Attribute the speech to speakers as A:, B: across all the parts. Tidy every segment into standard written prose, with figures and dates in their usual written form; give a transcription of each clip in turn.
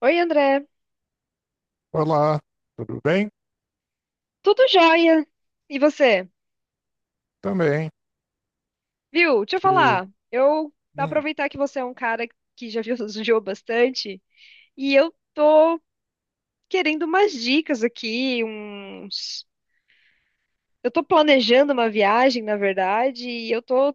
A: Oi, André.
B: Olá, tudo bem?
A: Tudo jóia? E você?
B: Também.
A: Viu? Deixa eu
B: Que,
A: falar. Eu
B: hum,
A: aproveitar que você é um cara que já viu viajou bastante e eu tô querendo umas dicas aqui, uns... Eu tô planejando uma viagem, na verdade, e eu tô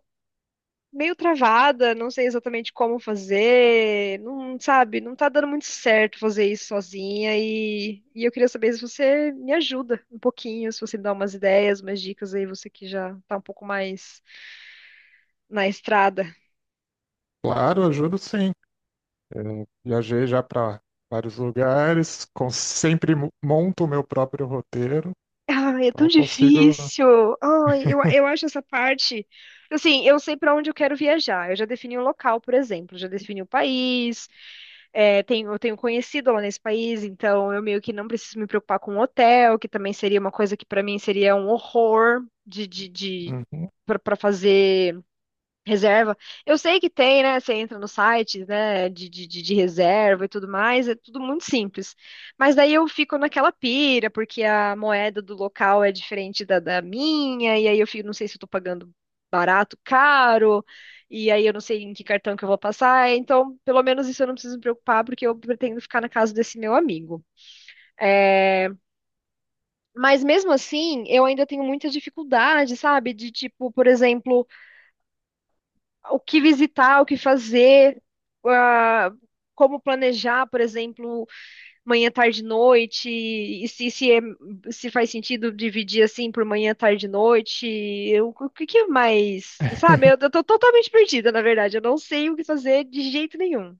A: meio travada, não sei exatamente como fazer, não sabe, não tá dando muito certo fazer isso sozinha e eu queria saber se você me ajuda um pouquinho, se você me dá umas ideias, umas dicas aí, você que já tá um pouco mais na estrada.
B: claro, ajudo sim. É, viajei já para vários lugares, sempre monto o meu próprio roteiro,
A: Ai, é tão
B: então consigo.
A: difícil. Ai, eu acho essa parte. Assim, eu sei para onde eu quero viajar. Eu já defini o local, por exemplo, já defini o país. É, tenho, eu tenho conhecido lá nesse país, então eu meio que não preciso me preocupar com o hotel, que também seria uma coisa que para mim seria um horror de
B: Uhum,
A: para fazer Reserva. Eu sei que tem, né? Você entra no site, né? De reserva e tudo mais, é tudo muito simples. Mas daí eu fico naquela pira, porque a moeda do local é diferente da minha, e aí eu fico, não sei se eu tô pagando barato, caro, e aí eu não sei em que cartão que eu vou passar. Então, pelo menos isso eu não preciso me preocupar, porque eu pretendo ficar na casa desse meu amigo. É, mas mesmo assim, eu ainda tenho muita dificuldade, sabe? De tipo, por exemplo. O que visitar, o que fazer, ah, como planejar, por exemplo, manhã, tarde, noite, e se faz sentido dividir assim por manhã, tarde, noite, o que que é mais, sabe? Eu tô totalmente perdida, na verdade, eu não sei o que fazer de jeito nenhum.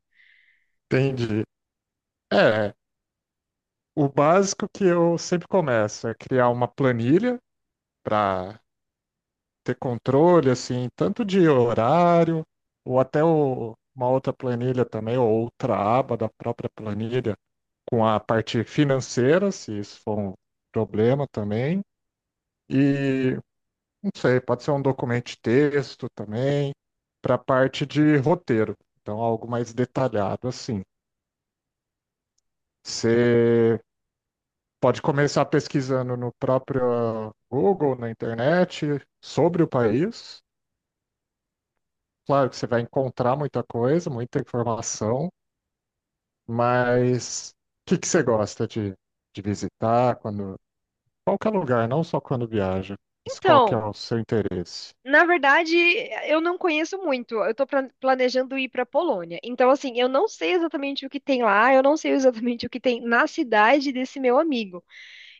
B: entendi. É, o básico que eu sempre começo é criar uma planilha para ter controle, assim, tanto de horário, ou uma outra planilha também, ou outra aba da própria planilha com a parte financeira, se isso for um problema também. E não sei, pode ser um documento de texto também, para a parte de roteiro. Então, algo mais detalhado assim. Você pode começar pesquisando no próprio Google, na internet, sobre o país. Claro que você vai encontrar muita coisa, muita informação, mas o que que você gosta de visitar. Quando qualquer lugar, não só quando viaja. Mas qual que é
A: Então.
B: o seu interesse?
A: Na verdade, eu não conheço muito. Planejando ir para Polônia. Então, assim, eu não sei exatamente o que tem lá, eu não sei exatamente o que tem na cidade desse meu amigo.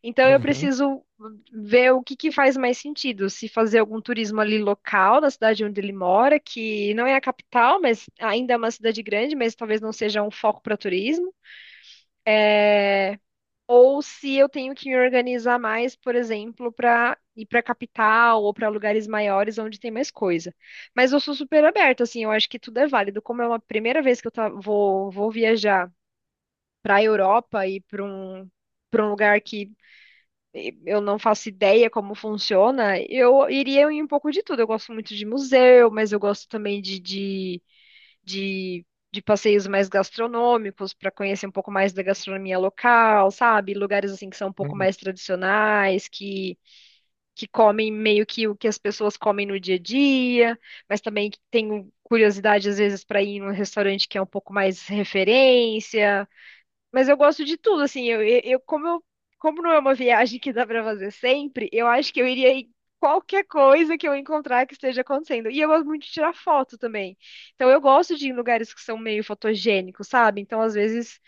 A: Então eu
B: Uhum,
A: preciso ver o que que faz mais sentido, se fazer algum turismo ali local, na cidade onde ele mora, que não é a capital, mas ainda é uma cidade grande, mas talvez não seja um foco para turismo, né? Ou se eu tenho que me organizar mais, por exemplo, para ir para a capital ou para lugares maiores onde tem mais coisa. Mas eu sou super aberta, assim, eu acho que tudo é válido. Como é uma primeira vez que vou viajar para a Europa e para um lugar que eu não faço ideia como funciona, eu iria em um pouco de tudo. Eu gosto muito de museu, mas eu gosto também de, de passeios mais gastronômicos para conhecer um pouco mais da gastronomia local, sabe? Lugares assim que são um pouco
B: uhum.
A: mais tradicionais, que comem meio que o que as pessoas comem no dia a dia, mas também que tenho curiosidade às vezes para ir em um restaurante que é um pouco mais referência. Mas eu gosto de tudo, assim, como não é uma viagem que dá pra fazer sempre, eu acho que eu iria em qualquer coisa que eu encontrar que esteja acontecendo. E eu gosto muito de tirar foto também. Então eu gosto de ir em lugares que são meio fotogênicos, sabe? Então às vezes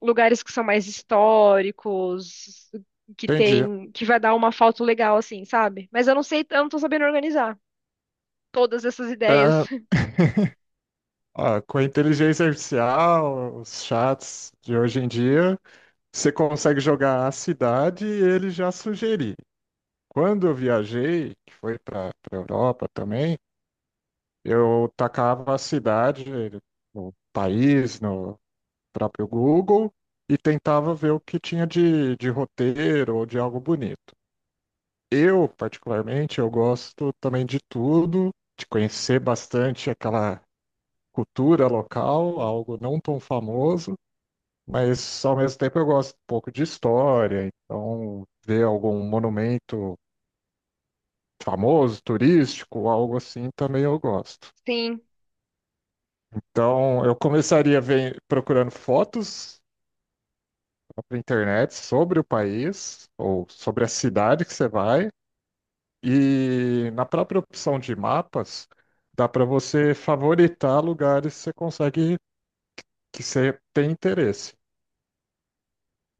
A: lugares que são mais históricos, que
B: Entendi.
A: tem, que vai dar uma foto legal assim, sabe? Mas eu não sei, eu não tô sabendo organizar todas essas ideias.
B: Ah, com a inteligência artificial, os chats de hoje em dia, você consegue jogar a cidade e ele já sugerir. Quando eu viajei, que foi para a Europa também, eu tacava a cidade, o país, no próprio Google e tentava ver o que tinha de roteiro ou de algo bonito. Eu, particularmente, eu gosto também de tudo, de conhecer bastante aquela cultura local, algo não tão famoso, mas ao mesmo tempo eu gosto um pouco de história, então ver algum monumento famoso, turístico, algo assim também eu gosto.
A: Sim,
B: Então eu começaria procurando fotos para internet sobre o país ou sobre a cidade que você vai. E na própria opção de mapas, dá para você favoritar lugares que você consegue, que você tem interesse.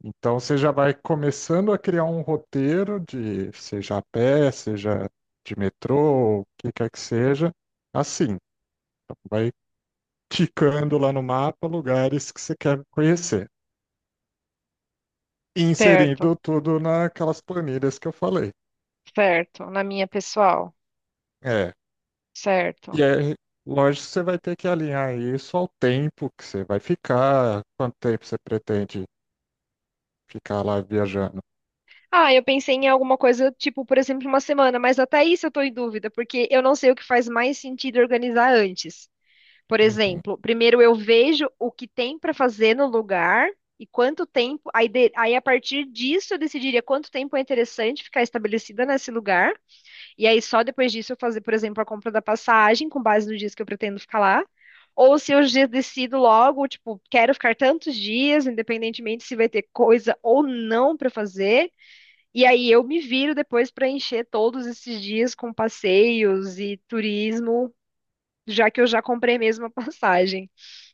B: Então você já vai começando a criar um roteiro de seja a pé, seja de metrô, o que quer que seja, assim. Então, vai ticando lá no mapa lugares que você quer conhecer, e
A: certo,
B: inserindo tudo naquelas planilhas que eu falei.
A: certo. Na minha pessoal,
B: É, E
A: certo.
B: aí, lógico, você vai ter que alinhar isso ao tempo que você vai ficar, quanto tempo você pretende ficar lá viajando.
A: Ah, eu pensei em alguma coisa, tipo, por exemplo, uma semana, mas até isso eu tô em dúvida, porque eu não sei o que faz mais sentido organizar antes. Por
B: Uhum.
A: exemplo, primeiro eu vejo o que tem para fazer no lugar e quanto tempo, aí a partir disso eu decidiria quanto tempo é interessante ficar estabelecida nesse lugar, e aí só depois disso eu fazer, por exemplo, a compra da passagem com base nos dias que eu pretendo ficar lá. Ou se eu já decido logo, tipo, quero ficar tantos dias, independentemente se vai ter coisa ou não para fazer. E aí eu me viro depois para encher todos esses dias com passeios e turismo, já que eu já comprei mesmo a passagem.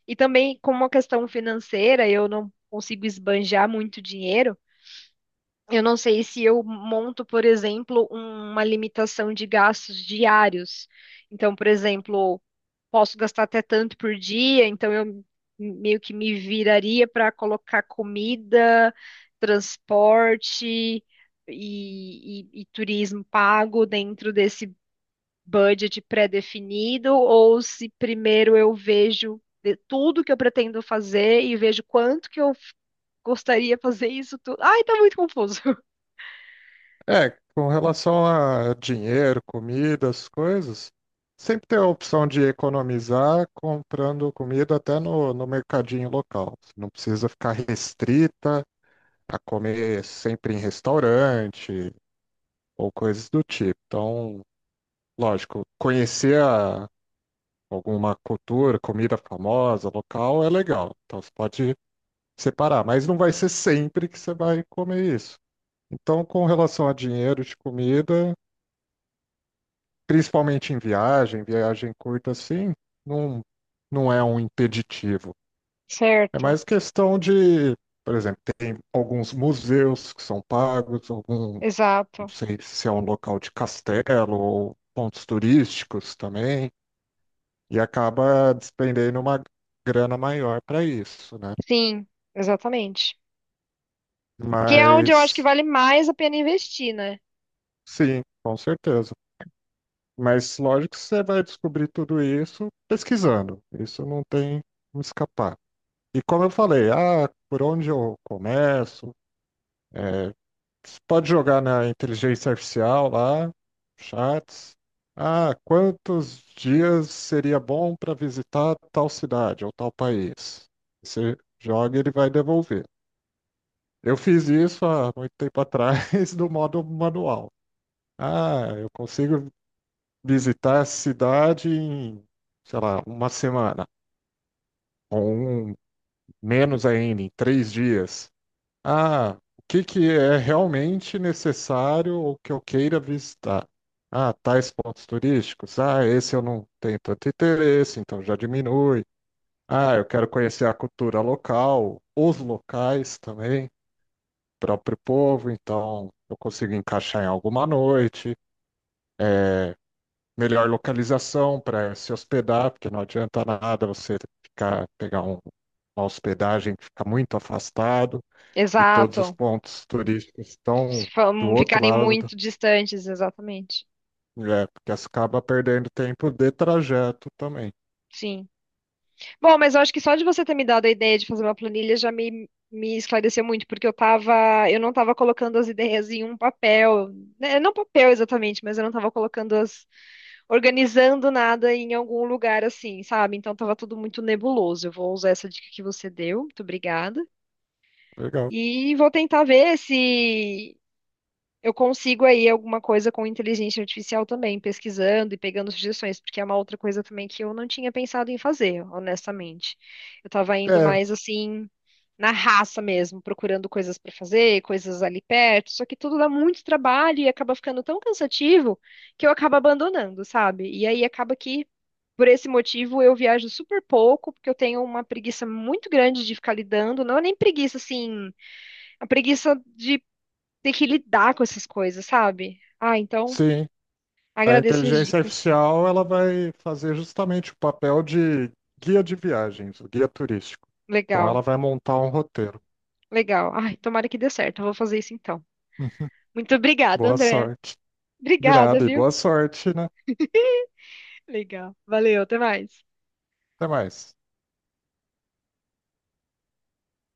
A: E também, como uma questão financeira, eu não consigo esbanjar muito dinheiro. Eu não sei se eu monto, por exemplo, uma limitação de gastos diários. Então, por exemplo, posso gastar até tanto por dia, então eu meio que me viraria para colocar comida, transporte e turismo pago dentro desse budget pré-definido, ou se primeiro eu vejo de tudo que eu pretendo fazer e vejo quanto que eu f- gostaria de fazer isso tudo. Ai, tá muito confuso.
B: Com relação a dinheiro, comidas, coisas, sempre tem a opção de economizar comprando comida até no mercadinho local. Você não precisa ficar restrita a comer sempre em restaurante ou coisas do tipo. Então, lógico, conhecer a alguma cultura, comida famosa, local, é legal. Então você pode separar, mas não vai ser sempre que você vai comer isso. Então, com relação a dinheiro de comida, principalmente em viagem, viagem curta assim, não, não é um impeditivo. É
A: Certo,
B: mais questão de, por exemplo, tem alguns museus que são pagos, algum, não
A: exato.
B: sei se é um local de castelo ou pontos turísticos também, e acaba despendendo uma grana maior para isso, né?
A: Sim, exatamente. Que é onde eu acho que
B: Mas
A: vale mais a pena investir, né?
B: sim, com certeza. Mas lógico que você vai descobrir tudo isso pesquisando. Isso não tem como escapar. E como eu falei, ah, por onde eu começo? É, você pode jogar na inteligência artificial lá, chats. Ah, quantos dias seria bom para visitar tal cidade ou tal país? Você joga e ele vai devolver. Eu fiz isso há muito tempo atrás do modo manual. Ah, eu consigo visitar a cidade em, sei lá, uma semana, ou um, menos ainda, em 3 dias. Ah, o que que é realmente necessário ou que eu queira visitar? Ah, tais pontos turísticos. Ah, esse eu não tenho tanto interesse, então já diminui. Ah, eu quero conhecer a cultura local, os locais também, próprio povo, então eu consigo encaixar em alguma noite. É, melhor localização para se hospedar, porque não adianta nada você ficar, pegar uma hospedagem que fica muito afastado e todos os
A: Exato.
B: pontos turísticos estão do outro
A: Ficarem
B: lado,
A: muito distantes, exatamente.
B: é, porque você acaba perdendo tempo de trajeto também.
A: Sim. Bom, mas eu acho que só de você ter me dado a ideia de fazer uma planilha já me esclareceu muito, porque eu tava, eu não tava colocando as ideias em um papel, né, não papel exatamente, mas eu não tava colocando as, organizando nada em algum lugar assim, sabe? Então tava tudo muito nebuloso. Eu vou usar essa dica que você deu, muito obrigada.
B: Legal.
A: E vou tentar ver se eu consigo aí alguma coisa com inteligência artificial também, pesquisando e pegando sugestões, porque é uma outra coisa também que eu não tinha pensado em fazer, honestamente. Eu tava indo
B: É,
A: mais assim, na raça mesmo, procurando coisas para fazer, coisas ali perto, só que tudo dá muito trabalho e acaba ficando tão cansativo que eu acabo abandonando, sabe? E aí acaba que, por esse motivo, eu viajo super pouco, porque eu tenho uma preguiça muito grande de ficar lidando, não é nem preguiça assim, a preguiça de tem que lidar com essas coisas, sabe? Ah, então
B: sim. A
A: agradeço as
B: inteligência
A: dicas.
B: artificial ela vai fazer justamente o papel de guia de viagens, o guia turístico. Então ela
A: Legal,
B: vai montar um roteiro.
A: legal. Ai, tomara que dê certo. Eu vou fazer isso então. Muito obrigada,
B: Boa
A: André.
B: sorte. De
A: Obrigada,
B: nada e
A: viu?
B: boa sorte, né?
A: Legal. Valeu, até mais.
B: Até mais.